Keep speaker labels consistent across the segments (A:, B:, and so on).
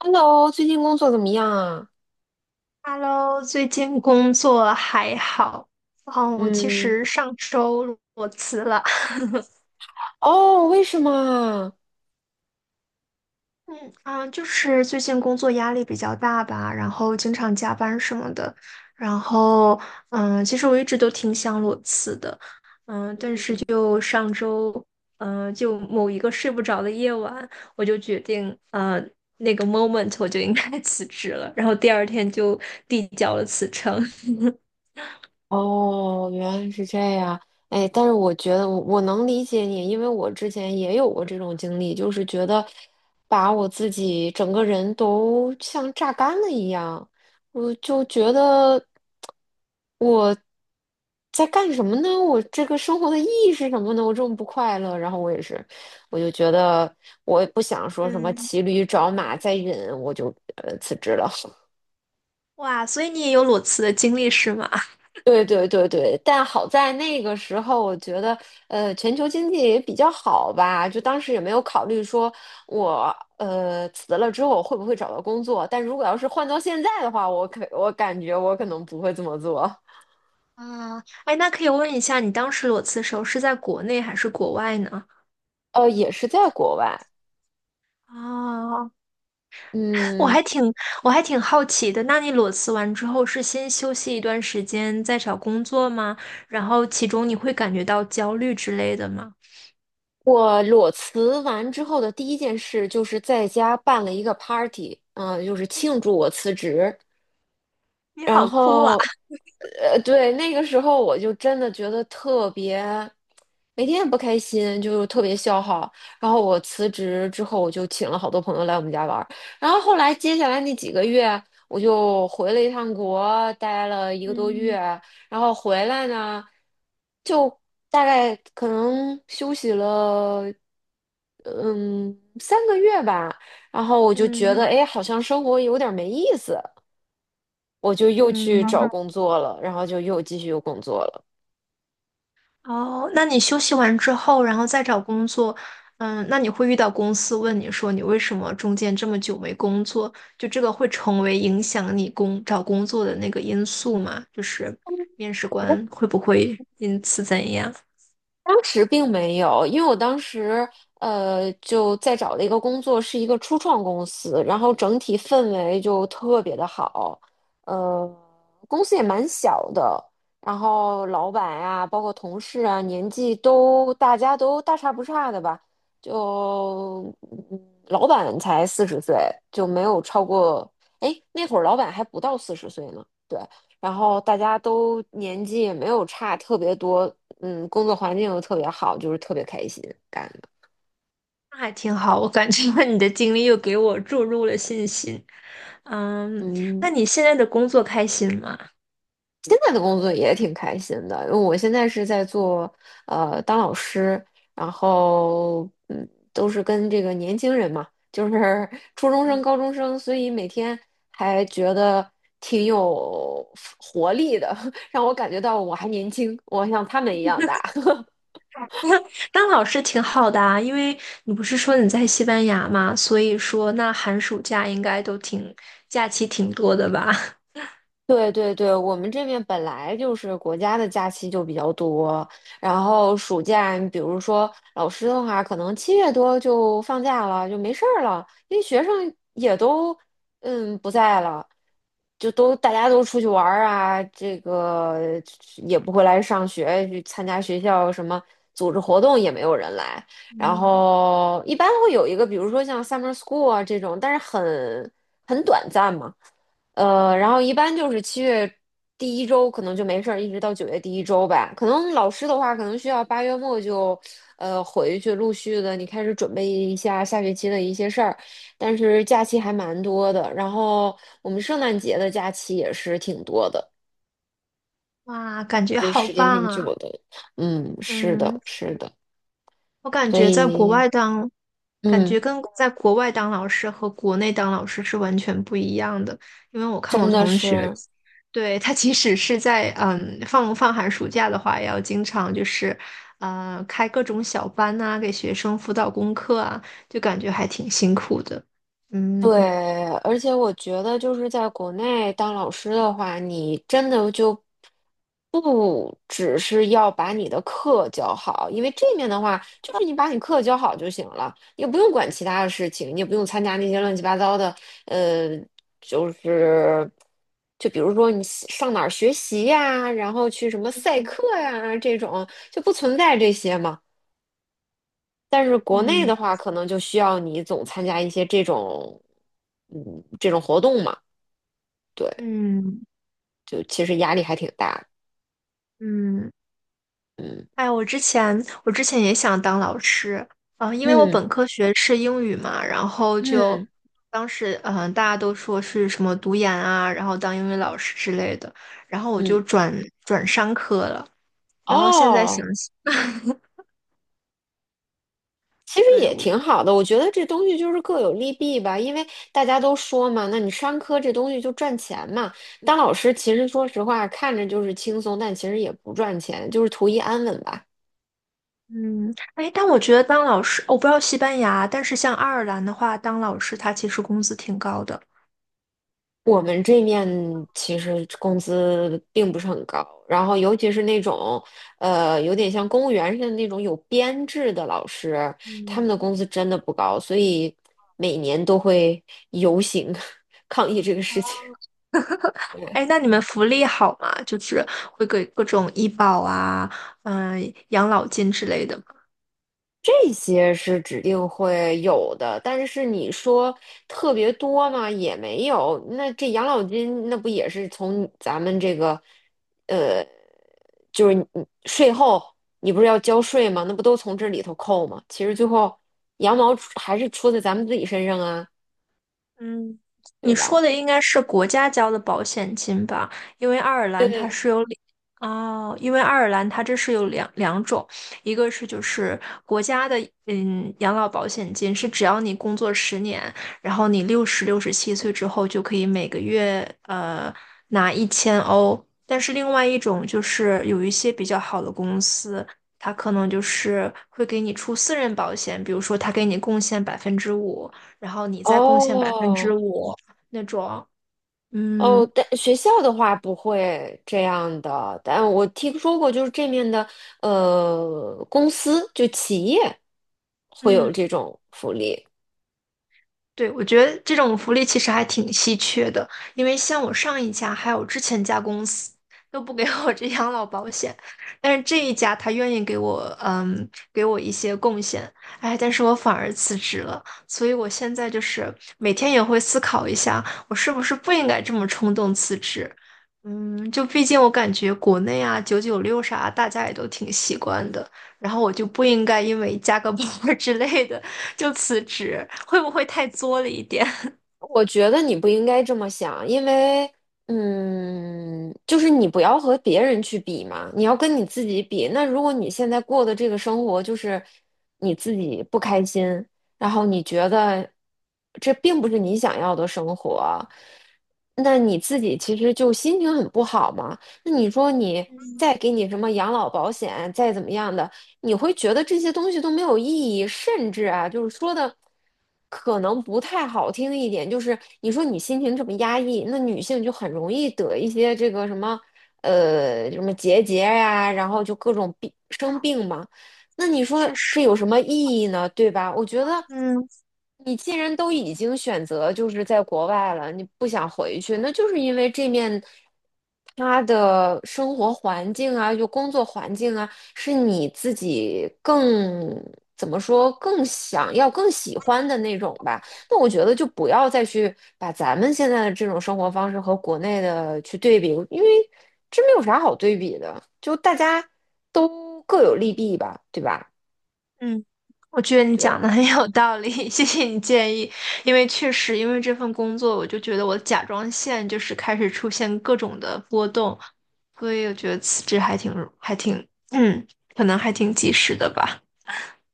A: Hello，最近工作怎么样啊？
B: Hello，最近工作还好？哦，我其
A: 嗯。
B: 实上周裸辞了。
A: 哦，为什么啊？
B: 嗯啊，就是最近工作压力比较大吧，然后经常加班什么的。然后，其实我一直都挺想裸辞的。就上周，就某一个睡不着的夜晚，我就决定，那个 moment 我就应该 辞职了。然后第二天就递交了辞呈。
A: 哦，原来是这样。哎，但是我觉得我能理解你，因为我之前也有过这种经历，就是觉得把我自己整个人都像榨干了一样，我就觉得我在干什么呢？我这个生活的意义是什么呢？我这么不快乐，然后我也是，我就觉得我也不想 说什么
B: 嗯，
A: 骑驴找马再忍，我就辞职了。
B: 哇，所以你也有裸辞的经历是吗？
A: 对对对对，但好在那个时候，我觉得，全球经济也比较好吧，就当时也没有考虑说我，辞了之后会不会找到工作。但如果要是换到现在的话，我感觉我可能不会这么做。
B: 啊，哎，那可以问一下，你当时裸辞的时候是在国内还是国外呢？
A: 也是在国外。
B: 啊，我
A: 嗯。
B: 还挺我还挺好奇的。那你裸辞完之后是先休息一段时间再找工作吗？然后其中你会感觉到焦虑之类的吗？
A: 我裸辞完之后的第一件事就是在家办了一个 party，就是庆祝我辞职。
B: 你
A: 然
B: 好酷啊！
A: 后，对，那个时候我就真的觉得特别，每天也不开心，就特别消耗。然后我辞职之后，我就请了好多朋友来我们家玩儿。然后后来接下来那几个月，我就回了一趟国，待了一个多月。
B: 嗯
A: 然后回来呢，就大概可能休息了，嗯，3个月吧。然后我就觉得，
B: 嗯
A: 哎，好像生活有点儿没意思。我就又去找
B: 嗯。
A: 工作了，然后就又继续又工作了。
B: 哦，那你休息完之后，然后再找工作，那你会遇到公司问你说你为什么中间这么久没工作？就这个会成为影响你找工作的那个因素吗？就是面试官会不会因此怎样？
A: 当时并没有，因为我当时就在找的一个工作是一个初创公司，然后整体氛围就特别的好。呃，公司也蛮小的，然后老板啊，包括同事啊，年纪都大家都大差不差的吧，就老板才四十岁，就没有超过。哎，那会儿老板还不到四十岁呢。对。然后大家都年纪也没有差特别多，工作环境又特别好，就是特别开心干的。
B: 那还挺好，我感觉 你的经历又给我注入了信心。嗯，
A: 嗯。
B: 那你现在的工作开心吗？
A: 现在的工作也挺开心的，因为我现在是在做当老师，然后都是跟这个年轻人嘛，就是 初中生、高中生，所以每天还觉得挺有活力的。让我感觉到我还年轻，我像他们一样大。
B: 当老师挺好的啊，因为你不是说你在西班牙嘛，所以说那寒暑假应该都挺，假期挺多的吧？
A: 对对对，我们这边本来就是国家的假期就比较多。然后暑假，你比如说老师的话，可能七月多就放假了，就没事儿了，因为学生也都不在了，就都大家都出去玩儿啊，这个也不回来上学，去参加学校什么组织活动也没有人来，然后一般会有一个，比如说像 summer school 啊这种，但是很短暂嘛。然后一般就是七月第一周可能就没事儿，一直到9月第一周吧。可能老师的话，可能需要8月末就，回去陆续的你开始准备一下下学期的一些事儿。但是假期还蛮多的，然后我们圣诞节的假期也是挺多的，
B: 哇，感觉
A: 就
B: 好
A: 时间
B: 棒
A: 挺
B: 啊！
A: 久的。嗯，是
B: 嗯，
A: 的，是的，
B: 我感
A: 所
B: 觉在国
A: 以
B: 外当，感
A: 嗯，
B: 觉跟在国外当老师和国内当老师是完全不一样的。因为我看
A: 真
B: 我
A: 的
B: 同学，
A: 是。
B: 对，他即使是在放寒暑假的话，也要经常就是开各种小班呐、给学生辅导功课啊，就感觉还挺辛苦的。
A: 对，
B: 嗯
A: 而且我觉得就是在国内当老师的话，你真的就不只是要把你的课教好，因为这面的话，就是你把你课教好就行了，也不用管其他的事情，你也不用参加那些乱七八糟的。呃，就是就比如说你喜上哪儿学习呀，然后去什么赛课呀这种，就不存在这些嘛。但是国内
B: 嗯。
A: 的话，可能就需要你总参加一些这种，嗯，这种活动嘛。对，
B: 嗯
A: 就其实压力还挺大的。
B: 嗯。
A: 嗯
B: 哎，我之前也想当老师，啊，因为我
A: 嗯
B: 本科学是英语嘛，然后就
A: 嗯
B: 当时大家都说是什么读研啊，然后当英语老师之类的，然后我
A: 嗯。
B: 就转商科了，然后现在想
A: 哦，
B: 想，
A: 其实
B: 对
A: 也
B: 我
A: 挺好的。我觉得这东西就是各有利弊吧，因为大家都说嘛，那你商科这东西就赚钱嘛。当老师其实说实话，看着就是轻松，但其实也不赚钱，就是图一安稳吧。
B: 嗯，哎，但我觉得当老师，哦我不知道西班牙，但是像爱尔兰的话，当老师他其实工资挺高的。
A: 我们这面其实工资并不是很高，然后尤其是那种，有点像公务员似的那种有编制的老师，他
B: 嗯，
A: 们的工资真的不高，所以每年都会游行 抗议这个事情。
B: 哎，
A: 对，
B: 那你们福利好吗？就是会给各种医保啊，养老金之类的。
A: 这些是指定会有的，但是你说特别多嘛，也没有。那这养老金那不也是从咱们这个？呃。就是你税后你不是要交税吗？那不都从这里头扣吗？其实最后羊毛出还是出在咱们自己身上啊，
B: 嗯，
A: 对
B: 你
A: 吧？
B: 说的应该是国家交的保险金吧？因为爱尔
A: 对
B: 兰
A: 对
B: 它
A: 对。
B: 是有两哦，因为爱尔兰它这是有两种，一个是就是国家的养老保险金是只要你工作10年，然后你67岁之后就可以每个月拿1000欧，但是另外一种就是有一些比较好的公司。它可能就是会给你出私人保险，比如说它给你贡献百分之五，然后你再贡献百分之
A: 哦
B: 五那种，
A: 哦，
B: 嗯
A: 但学校的话不会这样的，但我听说过，就是这面的公司就企业会有
B: 嗯，
A: 这种福利。
B: 对，我觉得这种福利其实还挺稀缺的，因为像我上一家还有之前一家公司都不给我这养老保险，但是这一家他愿意给我一些贡献，哎，但是我反而辞职了，所以我现在就是每天也会思考一下，我是不是不应该这么冲动辞职。嗯，就毕竟我感觉国内啊，996啥，大家也都挺习惯的。然后我就不应该因为加个 班儿之类的就辞职，会不会太作了一点？
A: 我觉得你不应该这么想，因为，就是你不要和别人去比嘛，你要跟你自己比。那如果你现在过的这个生活就是你自己不开心，然后你觉得这并不是你想要的生活，那你自己其实就心情很不好嘛。那你说你
B: 嗯
A: 再给你什么养老保险，再怎么样的，你会觉得这些东西都没有意义。甚至啊，就是说的可能不太好听一点，就是你说你心情这么压抑，那女性就很容易得一些这个什么什么结节呀、然后就各种病生病嘛。那你说
B: 确实，
A: 这有什么意义呢？对吧？我觉得
B: 嗯
A: 你既然都已经选择就是在国外了，你不想回去，那就是因为这面他的生活环境啊，就工作环境啊，是你自己更怎么说更想要、更喜欢的那种吧。那我觉得就不要再去把咱们现在的这种生活方式和国内的去对比，因为这没有啥好对比的，就大家都各有利弊吧，对吧？
B: 嗯，我觉得你
A: 对。
B: 讲的很有道理，谢谢你建议。因为确实，因为这份工作，我就觉得我甲状腺就是开始出现各种的波动，所以我觉得辞职还挺还挺，嗯，可能还挺及时的吧。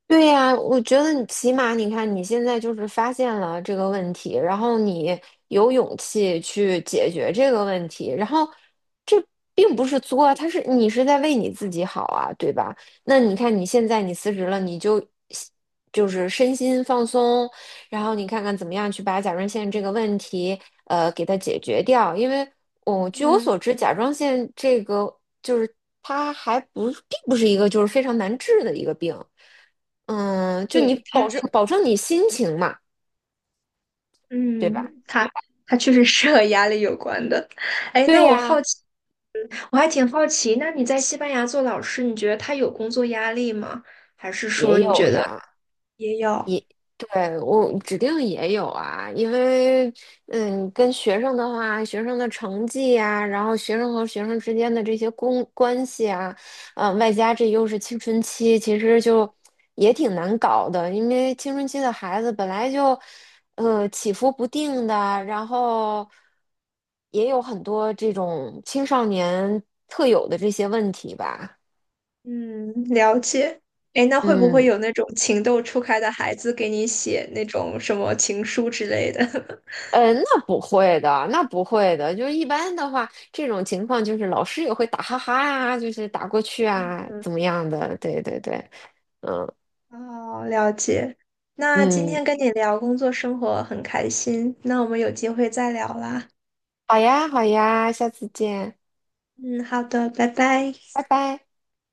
A: 对呀，我觉得你起码你看你现在就是发现了这个问题，然后你有勇气去解决这个问题，然后这并不是作，他是你是在为你自己好啊，对吧？那你看你现在你辞职了，你就就是身心放松，然后你看看怎么样去把甲状腺这个问题给它解决掉，因为据我
B: 嗯，
A: 所知，甲状腺这个就是它还不并不是一个就是非常难治的一个病。嗯，就你
B: 对，他
A: 保证
B: 这
A: 保证你心情嘛，对吧？
B: 嗯，他他确实是和压力有关的。哎，
A: 对
B: 那
A: 呀。
B: 我还挺好奇，那你在西班牙做老师，你觉得他有工作压力吗？还是
A: 也
B: 说你
A: 有
B: 觉得
A: 呀，
B: 也有？
A: 对，我指定也有啊，因为跟学生的话，学生的成绩呀、然后学生和学生之间的这些公关系啊，外加这又是青春期，其实就也挺难搞的，因为青春期的孩子本来就起伏不定的，然后也有很多这种青少年特有的这些问题吧。
B: 嗯，了解。哎，那会不会
A: 嗯。
B: 有那种情窦初开的孩子给你写那种什么情书之类的？
A: 那不会的，那不会的。就是一般的话，这种情况就是老师也会打哈哈呀、就是打过去啊，怎么样的？对对对。嗯
B: 哦，了解。那今
A: 嗯，
B: 天跟你聊工作生活很开心，那我们有机会再聊啦。
A: 好呀好呀，下次见，
B: 嗯，好的，拜拜。
A: 拜拜。